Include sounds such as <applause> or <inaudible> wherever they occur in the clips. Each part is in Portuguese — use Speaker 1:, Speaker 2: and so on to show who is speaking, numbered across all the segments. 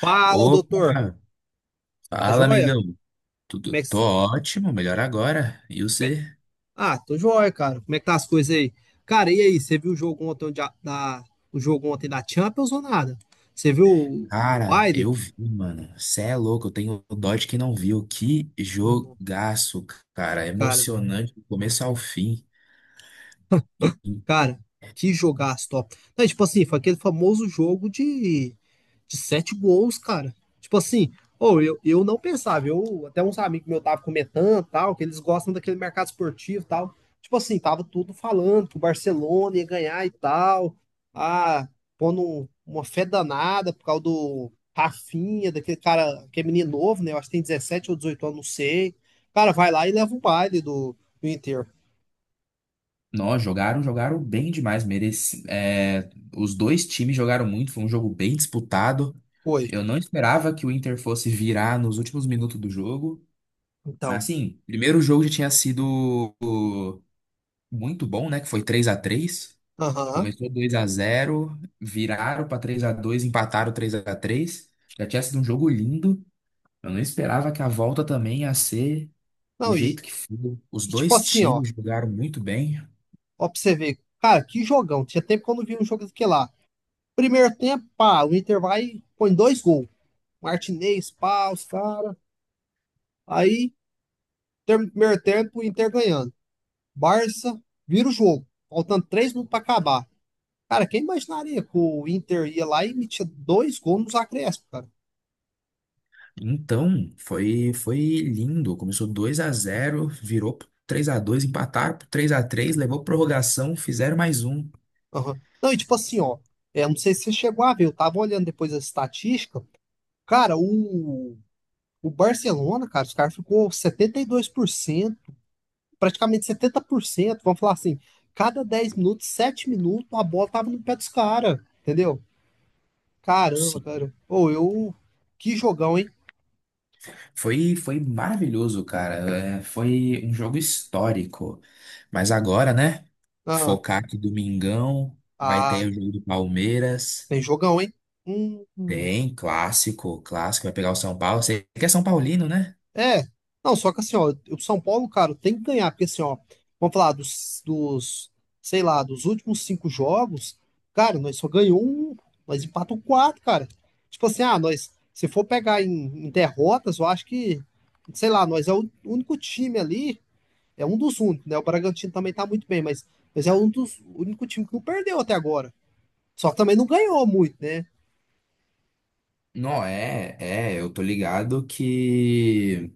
Speaker 1: Fala,
Speaker 2: Opa,
Speaker 1: doutor. Tá
Speaker 2: fala
Speaker 1: joia?
Speaker 2: amigão. Tudo,
Speaker 1: Como é que...
Speaker 2: tô ótimo, melhor agora. E
Speaker 1: como é-
Speaker 2: você?
Speaker 1: Ah, tô joia, cara. Como é que tá as coisas aí? Cara, e aí? Você viu o jogo ontem de a- da... o jogo ontem da Champions ou nada? Você viu o
Speaker 2: Cara,
Speaker 1: baile?
Speaker 2: eu vi, mano. Cê é louco, eu tenho dó de quem não viu. Que
Speaker 1: Não,
Speaker 2: jogaço, cara.
Speaker 1: Cara,
Speaker 2: Emocionante do começo ao fim.
Speaker 1: Cara, que jogaço top. Não, tipo assim, foi aquele famoso jogo de sete gols, cara. Tipo assim, ou eu não pensava, eu até uns amigos meus tava comentando, tal, que eles gostam daquele mercado esportivo, tal. Tipo assim, tava tudo falando que o Barcelona ia ganhar e tal. Ah, pondo uma fé danada por causa do Rafinha, daquele cara, que é menino novo, né? Eu acho que tem 17 ou 18 anos, não sei. Cara, vai lá e leva o baile do Inter.
Speaker 2: Nós jogaram bem demais. Mereci, é, os dois times jogaram muito, foi um jogo bem disputado.
Speaker 1: Foi.
Speaker 2: Eu não esperava que o Inter fosse virar nos últimos minutos do jogo. Mas
Speaker 1: Então.
Speaker 2: assim, primeiro jogo já tinha sido muito bom, né? Que foi 3-3.
Speaker 1: Aham.
Speaker 2: Começou 2-0, viraram para 3-2, empataram 3-3. Já tinha sido um jogo lindo. Eu não esperava que a volta também ia ser do
Speaker 1: Não, e,
Speaker 2: jeito que foi. Os
Speaker 1: e tipo
Speaker 2: dois
Speaker 1: assim, ó,
Speaker 2: times jogaram muito bem.
Speaker 1: ó, pra você ver, cara, que jogão. Tinha tempo que eu não vi um jogo daquele lá. Primeiro tempo, pá, o Inter vai e põe dois gols. Martinez, pá, os cara. Aí, primeiro tempo, o Inter ganhando. Barça vira o jogo, faltando 3 minutos pra acabar. Cara, quem imaginaria que o Inter ia lá e metia dois gols nos acréscimos, cara?
Speaker 2: Então, foi lindo. Começou 2-0, virou 3-2, empataram 3 a três, levou prorrogação, fizeram mais um.
Speaker 1: Aham. Não, e tipo assim, ó, não sei se você chegou a ver, eu tava olhando depois a estatística. Cara, o Barcelona, cara, os caras ficou 72% praticamente 70% vamos falar assim, cada 10 minutos, 7 minutos, a bola tava no pé dos caras, entendeu? Caramba, cara. Ou eu. Que jogão, hein?
Speaker 2: Foi, foi maravilhoso, cara. É, foi um jogo histórico. Mas agora, né?
Speaker 1: Ah,
Speaker 2: Focar que Domingão vai
Speaker 1: ah,
Speaker 2: ter o jogo do Palmeiras.
Speaker 1: tem jogão, hein? Hum, hum.
Speaker 2: Tem clássico, clássico. Vai pegar o São Paulo. Você que é São Paulino, né?
Speaker 1: É, não, só que assim, ó, o São Paulo, cara, tem que ganhar, porque assim, ó, vamos falar sei lá, dos últimos cinco jogos, cara, nós só ganhou um, nós empatamos quatro, cara. Tipo assim, ah, nós, se for pegar em derrotas, eu acho que, sei lá, nós é o único time ali, é um dos únicos, né? O Bragantino também tá muito bem, mas é um dos, o único time que não perdeu até agora. Só que também não ganhou muito, né? <laughs>
Speaker 2: Não, é, é, eu tô ligado que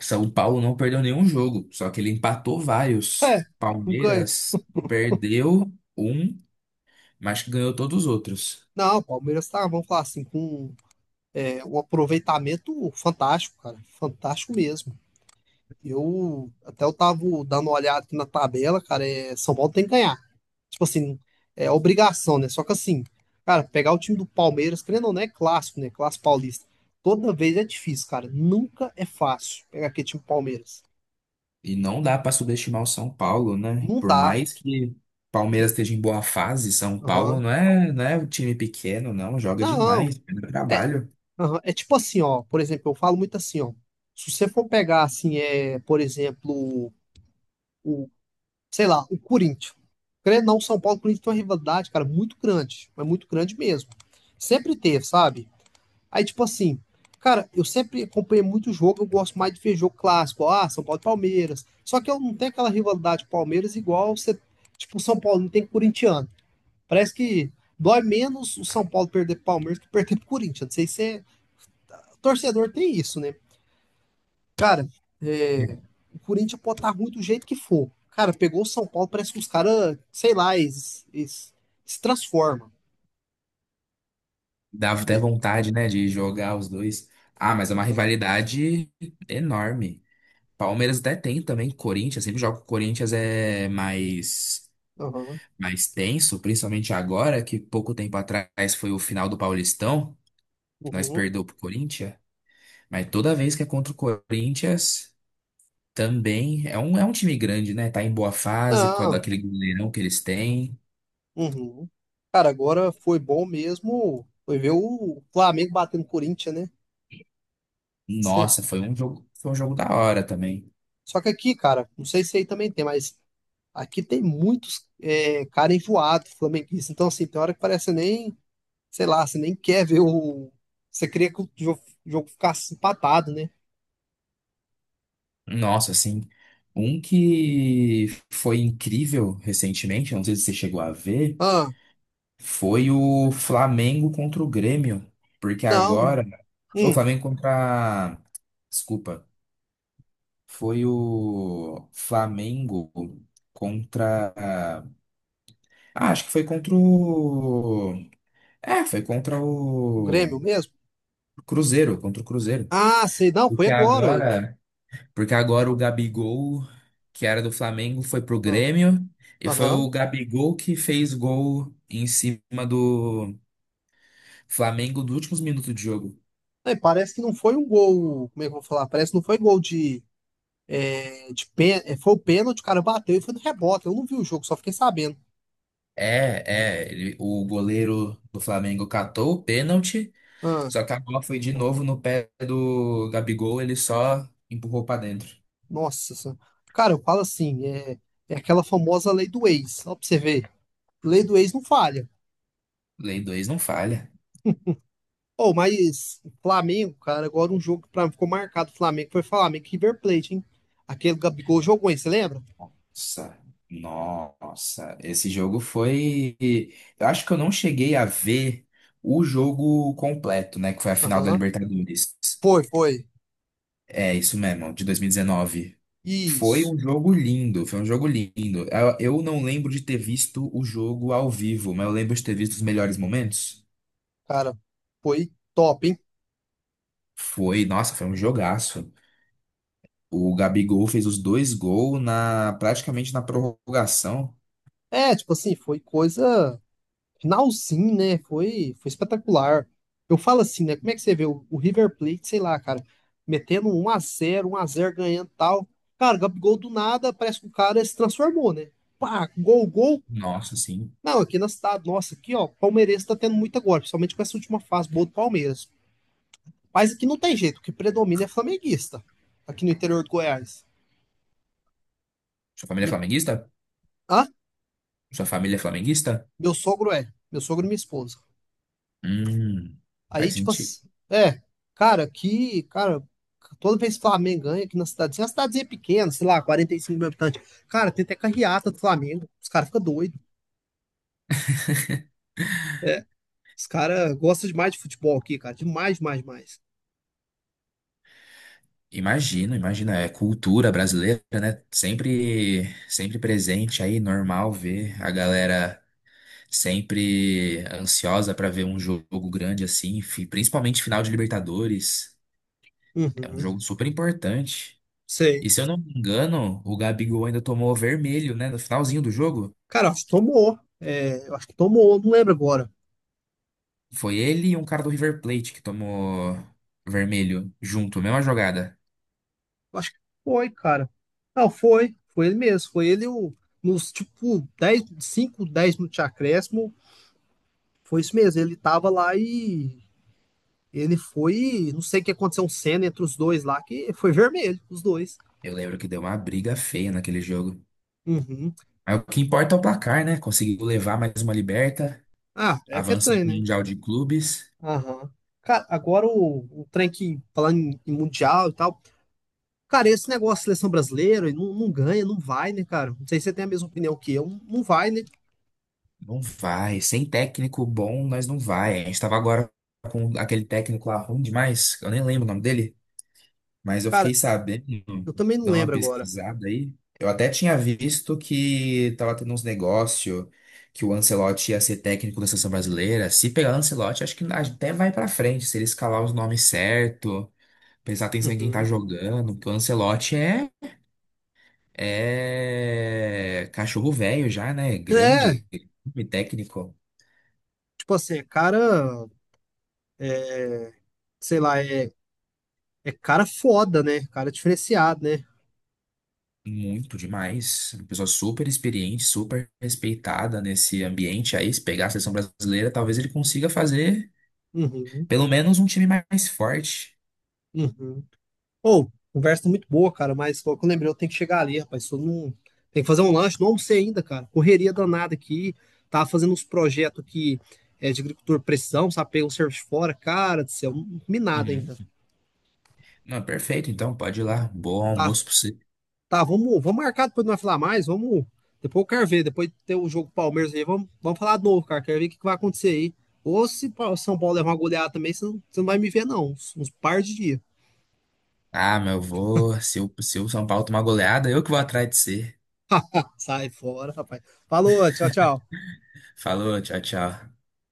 Speaker 2: São Paulo não perdeu nenhum jogo, só que ele empatou vários.
Speaker 1: É, não ganha.
Speaker 2: Palmeiras perdeu um, mas que ganhou todos os outros.
Speaker 1: Não, o Palmeiras tá, vamos falar assim, com é um aproveitamento fantástico, cara. Fantástico mesmo. Eu tava dando uma olhada aqui na tabela, cara. É, São Paulo tem que ganhar. Tipo assim, é obrigação, né? Só que assim, cara, pegar o time do Palmeiras, querendo ou não, é clássico, né? Clássico paulista. Toda vez é difícil, cara. Nunca é fácil pegar aquele time do Palmeiras.
Speaker 2: E não dá para subestimar o São Paulo, né?
Speaker 1: Não
Speaker 2: Por
Speaker 1: dá.
Speaker 2: mais que
Speaker 1: Que-
Speaker 2: Palmeiras esteja em boa fase, São Paulo
Speaker 1: Aham.
Speaker 2: não é um time pequeno, não. Joga
Speaker 1: Não.
Speaker 2: demais, pelo
Speaker 1: É,
Speaker 2: trabalho.
Speaker 1: aham. É tipo assim, ó. Por exemplo, eu falo muito assim, ó. Se você for pegar, assim, por exemplo, sei lá, o Corinthians. Querendo ou não, São Paulo e Corinthians tem uma rivalidade, cara, muito grande. Mas muito grande mesmo. Sempre teve, sabe? Aí, tipo assim, cara, eu sempre acompanhei muito jogo, eu gosto mais de ver jogo clássico. Ah, São Paulo e Palmeiras. Só que eu não tenho aquela rivalidade com Palmeiras igual você, tipo, o São Paulo não tem corintiano. Parece que dói menos o São Paulo perder pro Palmeiras que perder pro Corinthians. Não sei se torcedor tem isso, né? Cara, é,
Speaker 2: É.
Speaker 1: o Corinthians pode estar ruim do jeito que for. Cara, pegou o São Paulo, parece que os caras, sei lá, eles se transformam.
Speaker 2: Dá até
Speaker 1: E-
Speaker 2: vontade, né, de jogar os dois. Ah, mas é uma
Speaker 1: Aham,
Speaker 2: rivalidade enorme. Palmeiras até tem também, Corinthians, sempre joga com o Corinthians é mais
Speaker 1: aham,
Speaker 2: mais tenso, principalmente agora, que pouco tempo atrás foi o final do Paulistão, que nós
Speaker 1: uhum.
Speaker 2: perdeu pro Corinthians, mas toda vez que é contra o Corinthians, também é um time grande, né? Tá em boa fase por causa
Speaker 1: Não,
Speaker 2: daquele goleirão que eles têm.
Speaker 1: uhum. Cara, agora foi bom mesmo. Foi ver o Flamengo batendo o Corinthians, né? <laughs> Cê-
Speaker 2: Nossa, foi um jogo da hora também.
Speaker 1: Só que aqui, cara, não sei se aí também tem, mas aqui tem muitos cara enjoado, flamenguista. Então, assim, tem hora que parece nem, sei lá, você nem quer ver o. Você queria que o jogo ficasse empatado, né?
Speaker 2: Nossa, assim, um que foi incrível recentemente, não sei se você chegou a ver,
Speaker 1: Ah,
Speaker 2: foi o Flamengo contra o Grêmio, porque
Speaker 1: não.
Speaker 2: agora o
Speaker 1: Hum,
Speaker 2: Flamengo contra, desculpa, foi o Flamengo contra, ah, acho que foi contra o, é, foi contra
Speaker 1: o
Speaker 2: o
Speaker 1: Grêmio mesmo?
Speaker 2: Cruzeiro, contra o Cruzeiro.
Speaker 1: Ah, sei, não, foi
Speaker 2: Porque
Speaker 1: agora aí.
Speaker 2: agora. Porque agora o Gabigol, que era do Flamengo, foi pro
Speaker 1: Ah,
Speaker 2: Grêmio. E foi o
Speaker 1: aham.
Speaker 2: Gabigol que fez gol em cima do Flamengo nos últimos minutos de jogo.
Speaker 1: É, parece que não foi um gol, como é que eu vou falar? Parece que não foi gol de pên- foi o pênalti, o cara bateu e foi no rebote. Eu não vi o jogo, só fiquei sabendo.
Speaker 2: É, ele- o goleiro do Flamengo catou o pênalti,
Speaker 1: Ah,
Speaker 2: só que a bola foi de novo no pé do Gabigol, ele só empurrou pra dentro.
Speaker 1: nossa, senhora. Cara, eu falo assim, é, aquela famosa lei do ex, só pra você ver. Lei do ex não falha.
Speaker 2: Lei 2 não falha.
Speaker 1: Oh, mas Flamengo, cara, agora um jogo que pra mim ficou marcado, Flamengo, foi Flamengo e River Plate, hein? Aquele Gabigol jogou, hein, você lembra?
Speaker 2: Nossa, nossa, esse jogo foi. Eu acho que eu não cheguei a ver o jogo completo, né? Que foi a final da
Speaker 1: Aham.
Speaker 2: Libertadores.
Speaker 1: Foi, foi.
Speaker 2: É, isso mesmo, de 2019. Foi
Speaker 1: Isso,
Speaker 2: um jogo lindo, foi um jogo lindo. Eu não lembro de ter visto o jogo ao vivo, mas eu lembro de ter visto os melhores momentos.
Speaker 1: cara, foi top, hein?
Speaker 2: Foi, nossa, foi um jogaço. O Gabigol fez os dois gols na, praticamente na prorrogação.
Speaker 1: É, tipo assim, foi coisa finalzinho, né? Foi, foi espetacular. Eu falo assim, né? Como é que você vê o River Plate, sei lá, cara, metendo 1-0, 1-0 ganhando e tal. Cara, Gabigol do nada, parece que o cara se transformou, né? Pá, gol, gol.
Speaker 2: Nossa, sim.
Speaker 1: Não, aqui na cidade, nossa, aqui, ó, palmeirense tá tendo muito agora, principalmente com essa última fase boa do Palmeiras. Mas aqui não tem jeito, o que predomina é flamenguista, aqui no interior de Goiás.
Speaker 2: Sua família é
Speaker 1: E,
Speaker 2: flamenguista?
Speaker 1: ah,
Speaker 2: Sua família é flamenguista?
Speaker 1: meu sogro e minha esposa.
Speaker 2: Hum,
Speaker 1: Aí,
Speaker 2: faz
Speaker 1: tipo
Speaker 2: sentido.
Speaker 1: assim, é, cara, aqui, cara, toda vez que o Flamengo ganha aqui na cidadezinha, uma cidadezinha é pequena, sei lá, 45 mil habitantes. Cara, tem até carreata do Flamengo. Os caras ficam doidos. É, os caras gostam demais de futebol aqui, cara. Demais, demais, demais.
Speaker 2: Imagino, imagina, é cultura brasileira, né? Sempre, sempre presente aí, normal ver a galera sempre ansiosa pra ver um jogo grande assim, principalmente final de Libertadores. É um
Speaker 1: Uhum,
Speaker 2: jogo super importante.
Speaker 1: sei.
Speaker 2: E se eu não me engano, o Gabigol ainda tomou vermelho, né? No finalzinho do jogo,
Speaker 1: Cara, eu acho que tomou. É, eu acho que tomou, não lembro agora.
Speaker 2: foi ele e um cara do River Plate que tomou vermelho junto, mesma jogada.
Speaker 1: Eu acho que foi, cara. Não, foi. Foi ele mesmo. Foi ele o, nos, tipo, 10 5 10 minutos de acréscimo. Foi isso mesmo. Ele tava lá e ele foi, não sei o que aconteceu, um cena entre os dois lá, que foi vermelho, os dois.
Speaker 2: Eu lembro que deu uma briga feia naquele jogo.
Speaker 1: Uhum.
Speaker 2: Aí o que importa é o placar, né? Conseguiu levar mais uma liberta,
Speaker 1: Ah, é que é
Speaker 2: avança
Speaker 1: trem,
Speaker 2: para o
Speaker 1: né?
Speaker 2: Mundial de Clubes.
Speaker 1: Aham. Cara, agora o trem que, falando em mundial e tal, cara, esse negócio da seleção brasileira e não ganha, não vai, né, cara? Não sei se você tem a mesma opinião que eu, não vai, né?
Speaker 2: Não vai. Sem técnico bom, nós não vai. A gente tava agora com aquele técnico lá ruim demais, eu nem lembro o nome dele, mas eu fiquei
Speaker 1: Cara,
Speaker 2: sabendo,
Speaker 1: eu também não
Speaker 2: dá uma
Speaker 1: lembro agora.
Speaker 2: pesquisada aí. Eu até tinha visto que tava tendo uns negócios, que o Ancelotti ia ser técnico da seleção brasileira. Se pegar o Ancelotti, acho que até vai pra frente, se ele escalar os nomes certo, prestar atenção em quem tá
Speaker 1: Uhum.
Speaker 2: jogando, porque o Ancelotti é. É cachorro velho já, né?
Speaker 1: É,
Speaker 2: Grande, e técnico,
Speaker 1: tipo assim, é cara, é, sei lá, cara foda, né? Cara diferenciado, né?
Speaker 2: muito demais. Uma pessoa super experiente, super respeitada nesse ambiente aí. Se pegar a seleção brasileira, talvez ele consiga fazer
Speaker 1: Uhum,
Speaker 2: pelo menos um time mais forte.
Speaker 1: uhum. Ô, conversa muito boa, cara, mas logo que eu lembrei, eu tenho que chegar ali, rapaz. Só não... Tem que fazer um lanche, não almocei ainda, cara. Correria danada aqui. Tava fazendo uns projetos aqui de agricultura de precisão, sabe? Peguei um serviço fora, cara do céu, não comi nada
Speaker 2: Uhum.
Speaker 1: ainda.
Speaker 2: Não, perfeito, então pode ir lá. Bom
Speaker 1: Tá,
Speaker 2: almoço pra você.
Speaker 1: tá, vamos marcar depois não vai falar mais, vamos. Depois eu quero ver, depois ter o jogo do Palmeiras aí, vamos falar de novo, cara. Quero ver o que que vai acontecer aí. Ou se o São Paulo levar uma goleada também, você não vai me ver, não. Uns par de dias.
Speaker 2: Ah, meu, eu vou. Se o São Paulo tomar goleada, eu que vou atrás de você.
Speaker 1: Sai fora, rapaz. Falou, tchau, tchau.
Speaker 2: Falou, tchau, tchau.